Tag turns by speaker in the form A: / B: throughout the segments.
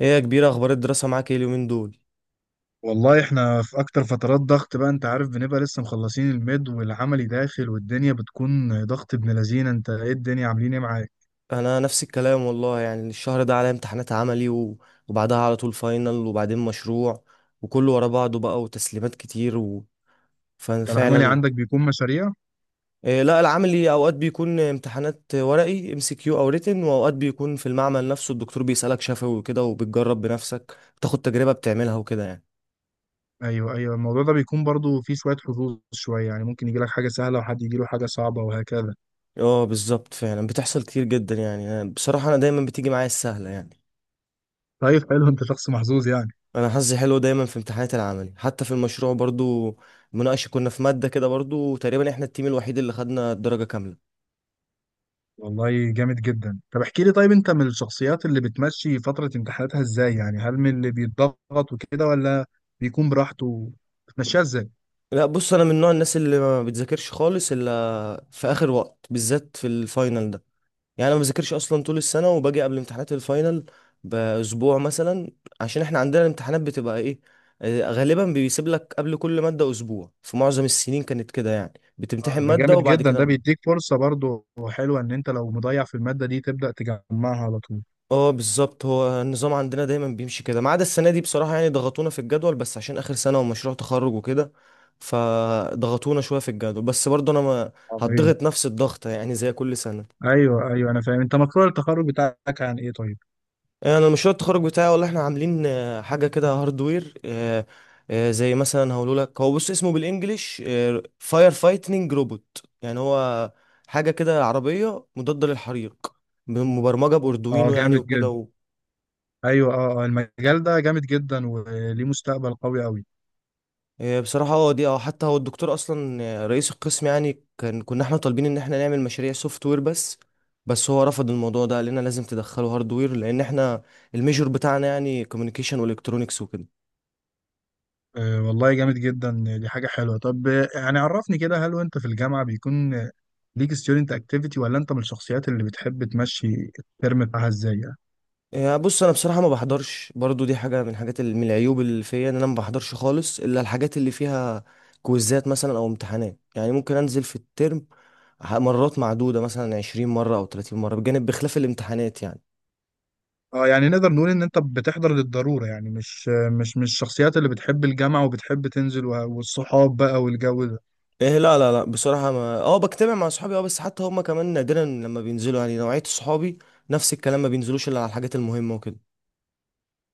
A: ايه يا كبير، اخبار الدراسة معاك ايه اليومين دول؟
B: والله احنا في اكتر فترات ضغط بقى، انت عارف بنبقى لسه مخلصين الميد والعملي داخل والدنيا بتكون ضغط ابن لذينه. انت ايه الدنيا عاملين ايه معاك؟
A: انا نفس الكلام والله. يعني الشهر ده عليا امتحانات عملي وبعدها على طول فاينل وبعدين مشروع. وكله ورا بعضه بقى وتسليمات كتير
B: انت العملي
A: ففعلا.
B: عندك بيكون مشاريع؟
A: إيه، لا، العملي اوقات بيكون امتحانات ورقي، ام سي كيو او ريتن، واوقات بيكون في المعمل نفسه الدكتور بيسألك شفوي وكده، وبتجرب بنفسك، بتاخد تجربة بتعملها وكده يعني.
B: ايوه ايوه، الموضوع ده بيكون برضو فيه شويه حظوظ شويه، يعني ممكن يجي لك حاجه سهله وحد يجي له حاجه صعبه وهكذا.
A: اه بالظبط، فعلا بتحصل كتير جدا يعني. بصراحة انا دايما بتيجي معايا السهلة يعني.
B: طيب حلو، انت شخص محظوظ يعني.
A: انا حظي حلو دايما في امتحانات العملي، حتى في المشروع برضو مناقشه، كنا في ماده كده برضو تقريبا احنا التيم الوحيد اللي خدنا الدرجه كامله.
B: والله جامد جدا. طب احكي لي طيب، انت من الشخصيات اللي بتمشي فتره امتحاناتها ازاي؟ يعني هل من اللي بيتضغط وكده ولا بيكون براحته؟ بتمشيها ازاي؟
A: لا، بص، انا من نوع الناس اللي ما بتذاكرش خالص الا في اخر وقت، بالذات في الفاينل ده. يعني انا ما بذاكرش اصلا طول السنه، وباجي قبل امتحانات الفاينل باسبوع مثلا. عشان احنا عندنا الامتحانات بتبقى ايه، غالبا بيسيب لك قبل كل ماده اسبوع. في معظم السنين كانت كده يعني، بتمتحن
B: ده
A: ماده
B: جامد
A: وبعد
B: جدا، ده
A: كده.
B: بيديك فرصة برضو حلوة ان انت لو مضيع في المادة دي تبدأ تجمعها على طول.
A: اه بالظبط، هو النظام عندنا دايما بيمشي كده، ما عدا السنه دي بصراحه، يعني ضغطونا في الجدول بس عشان اخر سنه ومشروع تخرج وكده. فضغطونا شويه في الجدول، بس برضه انا ما
B: عظيم.
A: هتضغط نفس الضغط يعني زي كل سنه.
B: ايوه ايوه انا فاهم. انت مشروع التخرج بتاعك عن ايه طيب؟
A: انا مشروع التخرج بتاعي والله احنا عاملين حاجه كده هاردوير. زي مثلا هقول لك، هو بص اسمه بالانجلش فاير فايتنج روبوت، يعني هو حاجه كده عربيه مضاده للحريق، مبرمجه
B: اه
A: باردوينو يعني
B: جامد جدا.
A: وكده.
B: ايوه اه، المجال ده جامد جدا وليه مستقبل قوي قوي.
A: إيه بصراحة، هو دي حتى هو الدكتور أصلا رئيس القسم يعني، كان كنا احنا طالبين إن احنا نعمل مشاريع سوفت وير بس هو رفض الموضوع ده، قال لنا لازم تدخلوا هاردوير، لأن احنا الميجور بتاعنا يعني كوميونيكيشن والكترونكس وكده.
B: آه والله جامد جدا، دي حاجة حلوة. طب يعني عرفني كده، هل وانت في الجامعة بيكون ليك ستودنت اكتيفيتي، ولا انت من الشخصيات اللي بتحب تمشي الترم بتاعها ازاي يعني؟
A: إيه، بص، أنا بصراحة ما بحضرش برضو، دي حاجة من حاجات من العيوب اللي فيا، إن أنا ما بحضرش خالص إلا الحاجات اللي فيها كويزات مثلا أو امتحانات. يعني ممكن أنزل في الترم مرات معدودة، مثلا 20 مرة أو 30 مرة، بجانب بخلاف الامتحانات يعني.
B: اه، يعني نقدر نقول ان انت بتحضر للضرورة، يعني مش الشخصيات اللي بتحب الجامعة وبتحب تنزل والصحاب بقى والجو ده.
A: ايه، لا لا لا، بصراحة ما بجتمع مع صحابي بس حتى هما كمان نادرا لما بينزلوا، يعني نوعية صحابي نفس الكلام، ما بينزلوش الا على الحاجات المهمة وكده.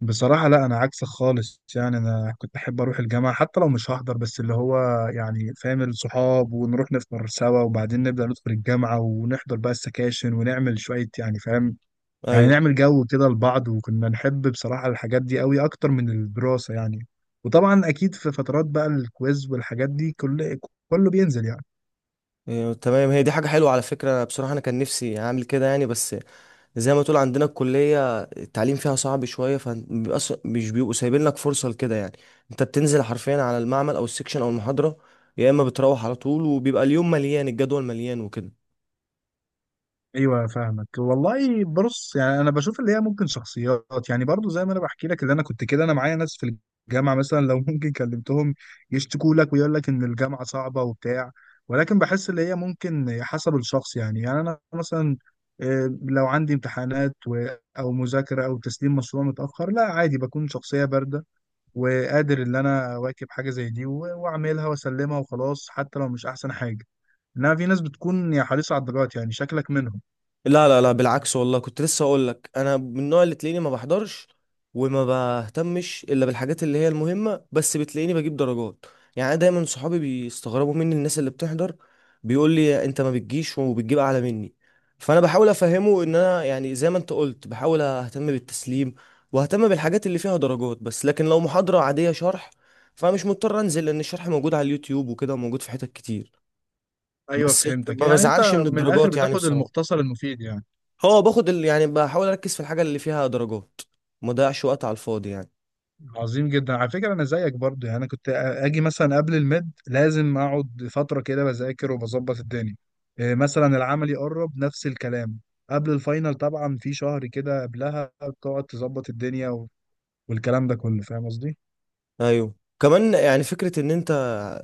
B: بصراحة لا، انا عكسك خالص. يعني انا كنت احب اروح الجامعة حتى لو مش هحضر، بس اللي هو يعني فاهم، الصحاب ونروح نفطر سوا وبعدين نبدأ ندخل الجامعة ونحضر بقى السكاشن ونعمل شوية يعني فاهم. يعني
A: ايوه.
B: نعمل جو كده لبعض، وكنا نحب بصراحة الحاجات دي قوي اكتر من الدراسة يعني. وطبعا اكيد في فترات بقى الكويز والحاجات دي كل كله بينزل يعني.
A: إيه تمام، هي دي حاجة حلوة على فكرة. أنا بصراحة انا كان نفسي اعمل كده يعني، بس زي ما تقول عندنا الكلية التعليم فيها صعب شوية، فبيبقى مش بيبقوا سايبين لك فرصة لكده يعني. انت بتنزل حرفيا على المعمل او السكشن او المحاضرة، يا اما بتروح على طول وبيبقى اليوم مليان، الجدول مليان وكده.
B: ايوه فاهمك والله. بص يعني انا بشوف اللي هي ممكن شخصيات يعني برضو، زي ما انا بحكي لك اللي انا كنت كده، انا معايا ناس في الجامعه مثلا لو ممكن كلمتهم يشتكوا لك ويقول لك ان الجامعه صعبه وبتاع، ولكن بحس اللي هي ممكن حسب الشخص يعني. يعني انا مثلا لو عندي امتحانات او مذاكره او تسليم مشروع متاخر، لا عادي، بكون شخصيه بارده وقادر ان انا اواكب حاجه زي دي واعملها واسلمها وخلاص، حتى لو مش احسن حاجه. انما في ناس بتكون يا حريصه على الدرجات، يعني شكلك منهم.
A: لا لا لا، بالعكس والله، كنت لسه اقول لك، انا من النوع اللي تلاقيني ما بحضرش وما بهتمش الا بالحاجات اللي هي المهمه، بس بتلاقيني بجيب درجات. يعني أنا دايما صحابي بيستغربوا مني، الناس اللي بتحضر بيقول لي انت ما بتجيش وبتجيب اعلى مني، فانا بحاول افهمه ان انا يعني زي ما انت قلت بحاول اهتم بالتسليم واهتم بالحاجات اللي فيها درجات بس، لكن لو محاضره عاديه شرح فمش مضطر انزل، لان الشرح موجود على اليوتيوب وكده، وموجود في حتت كتير.
B: ايوه
A: بس
B: فهمتك.
A: ما
B: يعني انت
A: بزعلش من
B: من الاخر
A: الدرجات يعني
B: بتاخد
A: بصراحه.
B: المختصر المفيد يعني.
A: هو باخد يعني بحاول اركز في الحاجه اللي فيها درجات، ما اضيعش وقت على الفاضي يعني.
B: عظيم جدا، على فكره انا زيك برضو. يعني انا كنت اجي مثلا قبل الميد لازم اقعد فتره كده بذاكر وبظبط الدنيا. إيه مثلا العمل يقرب نفس الكلام، قبل الفاينل طبعا في شهر كده قبلها بتقعد تظبط الدنيا والكلام ده كله، فاهم قصدي.
A: ايوه كمان، يعني فكره ان انت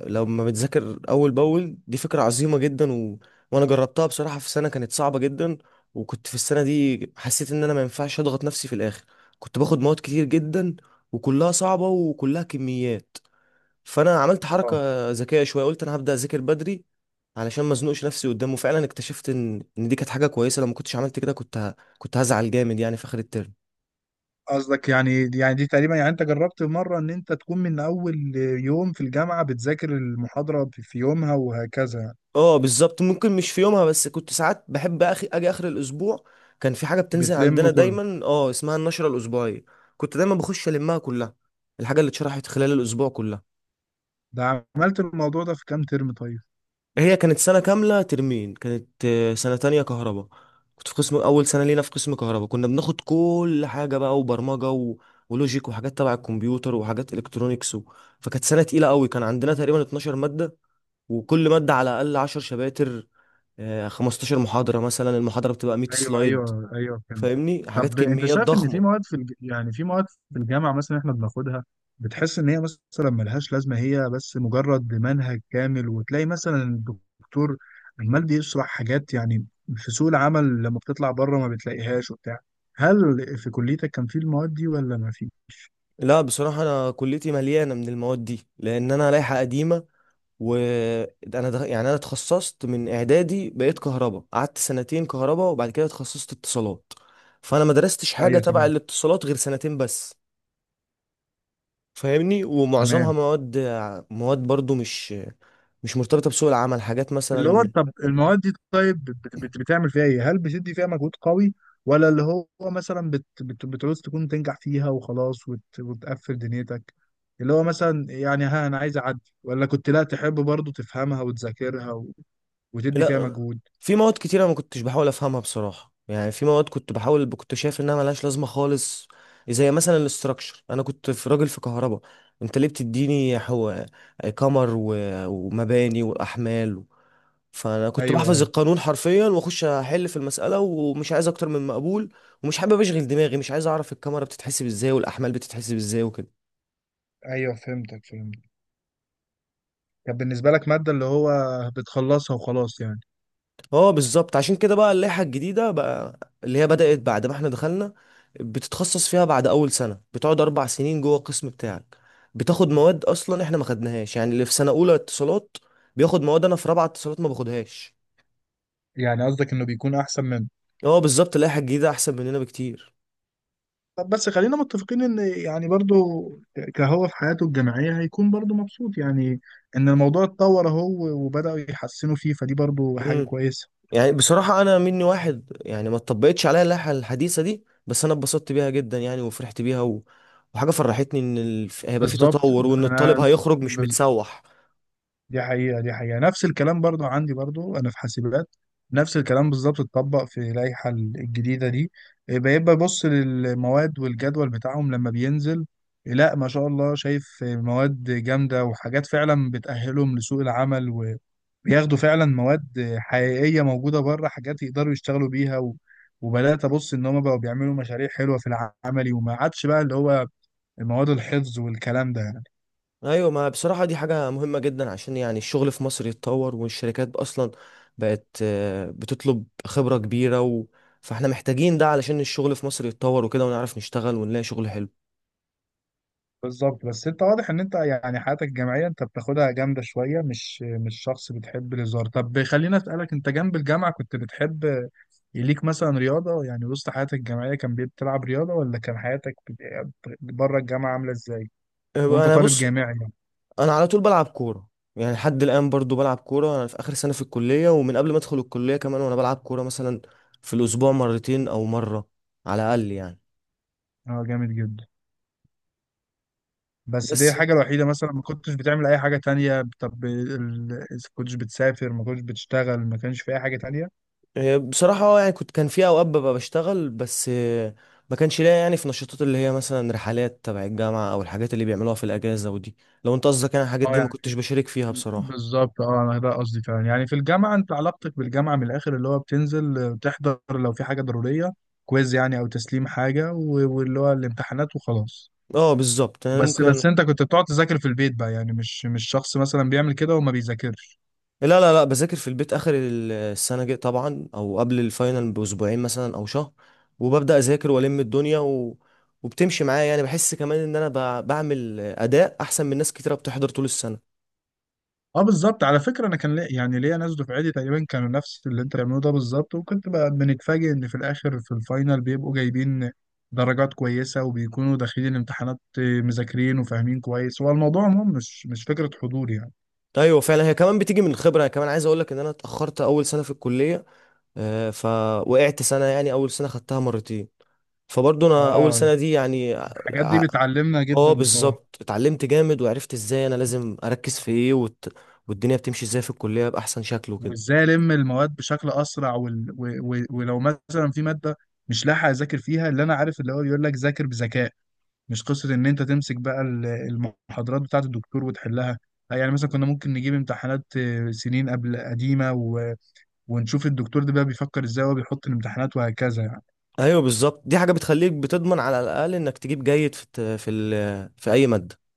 A: لما بتذاكر اول باول دي فكره عظيمه جدا، وانا جربتها بصراحه. في سنه كانت صعبه جدا، وكنت في السنه دي حسيت ان انا ما ينفعش اضغط نفسي في الاخر، كنت باخد مواد كتير جدا وكلها صعبه وكلها كميات، فانا عملت حركه
B: اه
A: ذكيه شويه، قلت انا هبدا اذاكر بدري. علشان ما ازنقش نفسي قدامه. فعلا اكتشفت ان دي كانت حاجه كويسه، لو ما كنتش عملت كده كنت هزعل جامد يعني في اخر الترم.
B: قصدك يعني، يعني دي تقريبا يعني انت جربت مره ان انت تكون من اول يوم في الجامعه بتذاكر المحاضره في يومها وهكذا يعني.
A: اه بالظبط، ممكن مش في يومها، بس كنت ساعات بحب اخي اجي اخر الاسبوع. كان في حاجه بتنزل عندنا
B: بتلم كله.
A: دايما اسمها النشره الاسبوعيه، كنت دايما بخش المها كلها، الحاجه اللي اتشرحت خلال الاسبوع كلها.
B: ده عملت الموضوع ده في كام ترم طيب؟
A: هي كانت سنة كاملة، ترمين، كانت سنة تانية كهرباء. كنت في قسم أول سنة لينا في قسم كهرباء، كنا بناخد كل حاجة بقى، وبرمجة ولوجيك، وحاجات تبع الكمبيوتر، وحاجات إلكترونيكس، فكانت سنة تقيلة قوي. كان عندنا تقريبا 12 مادة، وكل مادة على الأقل 10 شباتر، 15 محاضرة، مثلا المحاضرة بتبقى 100
B: ايوه
A: سلايد،
B: ايوه ايوه فهمت.
A: فاهمني، حاجات
B: طب انت
A: كميات
B: شايف ان في
A: ضخمة.
B: مواد يعني في مواد في الجامعه مثلا احنا بناخدها، بتحس ان هي مثلا ملهاش لازمه، هي بس مجرد منهج كامل، وتلاقي مثلا الدكتور عمال بيشرح حاجات يعني في سوق العمل لما بتطلع بره ما بتلاقيهاش وبتاع. هل في كليتك كان في المواد دي ولا ما في؟
A: لا بصراحة أنا كليتي مليانة من المواد دي، لأن أنا لائحة قديمة. وانا يعني انا اتخصصت من اعدادي، بقيت كهرباء، قعدت سنتين كهرباء، وبعد كده اتخصصت اتصالات. فانا ما درستش حاجه
B: ايوه
A: تبع
B: تمام.
A: الاتصالات غير سنتين بس. فاهمني، ومعظمها
B: تمام.
A: مواد. مواد برضو مش مرتبطه بسوق العمل، حاجات
B: اللي هو
A: مثلا.
B: طب المواد دي طيب بتعمل فيها ايه؟ هل بتدي فيها مجهود قوي، ولا اللي هو مثلا بت بت بتعوز تكون تنجح فيها وخلاص وتقفل دنيتك؟ اللي هو مثلا يعني ها، انا عايز اعدي، ولا كنت لا تحب برضو تفهمها وتذاكرها وتدي فيها
A: لا،
B: مجهود؟
A: في مواد كتير انا ما كنتش بحاول افهمها بصراحه يعني، في مواد كنت بحاول كنت شايف انها ملهاش لازمه خالص. زي مثلا الاستراكشر، انا كنت في راجل في كهرباء، انت ليه بتديني قمر ومباني واحمال؟ فانا كنت
B: ايوه
A: بحفظ
B: اه.
A: القانون حرفيا واخش احل في المساله، ومش عايز اكتر من مقبول، ومش حابب اشغل دماغي، مش عايز اعرف الكاميرا بتتحسب ازاي والاحمال بتتحسب ازاي وكده.
B: ايوه فهمتك فهمتك. كان بالنسبة لك مادة اللي هو بتخلصها وخلاص يعني.
A: اه بالظبط، عشان كده بقى اللائحة الجديدة بقى اللي هي بدأت بعد ما احنا دخلنا، بتتخصص فيها بعد أول سنة، بتقعد أربع سنين جوه القسم بتاعك، بتاخد مواد أصلا احنا ما خدناهاش، يعني اللي في سنة أولى اتصالات بياخد مواد أنا في رابعة اتصالات ما باخدهاش.
B: يعني قصدك انه بيكون احسن منه.
A: اه بالظبط، اللائحة الجديدة أحسن مننا بكتير.
B: طب بس خلينا متفقين ان يعني برضو كهو في حياته الجامعيه هيكون برضو مبسوط يعني، ان الموضوع اتطور اهو وبداوا يحسنوا فيه، فدي برضو حاجه
A: امم
B: كويسه.
A: يعني بصراحة أنا مني واحد يعني ما اتطبقتش عليا اللائحة الحديثة دي، بس أنا اتبسطت بيها جدا يعني، وفرحت بيها، وحاجة فرحتني إن هيبقى في
B: بالظبط،
A: تطور، وإن الطالب
B: انا
A: هيخرج مش متسوح.
B: دي حقيقة، دي حقيقة نفس الكلام برضو عندي، برضو أنا في حاسبات نفس الكلام بالظبط اتطبق في اللائحة الجديدة دي. بيبقى يبص للمواد والجدول بتاعهم لما بينزل، لا ما شاء الله، شايف مواد جامدة وحاجات فعلا بتأهلهم لسوق العمل، وبياخدوا فعلا مواد حقيقية موجودة بره، حاجات يقدروا يشتغلوا بيها وبدأت أبص إن هما بقوا بيعملوا مشاريع حلوة في العملي، وما عادش بقى اللي هو مواد الحفظ والكلام ده يعني.
A: ايوه، ما بصراحه دي حاجه مهمه جدا، عشان يعني الشغل في مصر يتطور، والشركات اصلا بقت بتطلب خبره كبيره، فاحنا محتاجين ده علشان الشغل في مصر يتطور وكده، ونعرف نشتغل ونلاقي شغل حلو.
B: بالظبط. بس انت واضح ان انت يعني حياتك الجامعيه انت بتاخدها جامده شويه، مش شخص بتحب الهزار. طب خليني اسالك، انت جنب الجامعه كنت بتحب يليك مثلا رياضه؟ يعني وسط حياتك الجامعيه كان بتلعب رياضه، ولا كان حياتك بره الجامعه عامله ازاي وانت
A: انا
B: طالب
A: بص،
B: جامعي يعني؟
A: انا على طول بلعب كوره. يعني لحد الان برضو بلعب كوره، انا في اخر سنه في الكليه ومن قبل ما ادخل الكليه كمان وانا بلعب كوره، مثلا في الاسبوع مرتين او مره على الاقل يعني.
B: اه جامد جدا. بس دي
A: بس.
B: الحاجه الوحيده مثلا؟ ما كنتش بتعمل اي حاجه تانية؟ طب كنتش بتسافر؟ ما كنتش بتشتغل؟ ما كانش في اي حاجه تانية؟
A: بصراحة يعني كنت كان في أوقات ببقى بشتغل، بس ما كانش ليا يعني في نشاطات اللي هي مثلا رحلات تبع الجامعة أو الحاجات اللي بيعملوها في الأجازة ودي. لو أنت قصدك يعني الحاجات
B: اه
A: دي ما
B: يعني
A: كنتش بشارك فيها بصراحة.
B: بالظبط اه، انا ده قصدي فعلا. يعني في الجامعه انت علاقتك بالجامعه من الاخر اللي هو بتنزل تحضر لو في حاجه ضروريه، كويز يعني او تسليم حاجه واللي هو الامتحانات وخلاص.
A: اه بالظبط، أنا
B: بس
A: ممكن.
B: انت كنت بتقعد تذاكر في البيت بقى يعني؟ مش شخص مثلا بيعمل كده وما بيذاكرش؟
A: لا لا لا، بذاكر في البيت آخر السنة جاي طبعا، أو قبل الفاينل بأسبوعين مثلا أو شهر، وببدأ أذاكر وألم الدنيا، وبتمشي معايا، يعني بحس كمان إن أنا بعمل أداء أحسن من ناس كتيرة بتحضر طول السنة.
B: اه بالظبط، على فكره انا كان لي يعني ليا ناس دفعتي تقريبا كانوا نفس اللي انت بتعمله ده بالظبط، وكنت بقى بنتفاجئ ان في الاخر في الفاينل بيبقوا جايبين درجات كويسه، وبيكونوا داخلين الامتحانات مذاكرين وفاهمين كويس. هو الموضوع عموما مش فكره حضور يعني.
A: ايوه، فعلا هي كمان بتيجي من الخبره. أنا كمان عايز اقول لك ان انا اتاخرت اول سنه في الكليه، فوقعت سنة، يعني أول سنة خدتها مرتين. فبرضه أنا أول
B: اه،
A: سنة دي يعني
B: الحاجات دي
A: ع-
B: بتعلمنا
A: اه
B: جدا بصراحة.
A: بالظبط، اتعلمت جامد وعرفت ازاي أنا لازم أركز في ايه، والدنيا بتمشي ازاي في الكلية بأحسن شكل وكده.
B: وازاي الم المواد بشكل اسرع ولو مثلا في مادة مش لاحق اذاكر فيها، اللي انا عارف اللي هو بيقول لك ذاكر بذكاء، مش قصة ان انت تمسك بقى المحاضرات بتاعة الدكتور وتحلها. يعني مثلا كنا ممكن نجيب امتحانات سنين قبل قديمة ونشوف الدكتور ده بقى بيفكر ازاي وهو بيحط الامتحانات وهكذا يعني.
A: ايوه بالظبط، دي حاجة بتخليك بتضمن على الأقل إنك تجيب جيد في الت- في ال... في أي مادة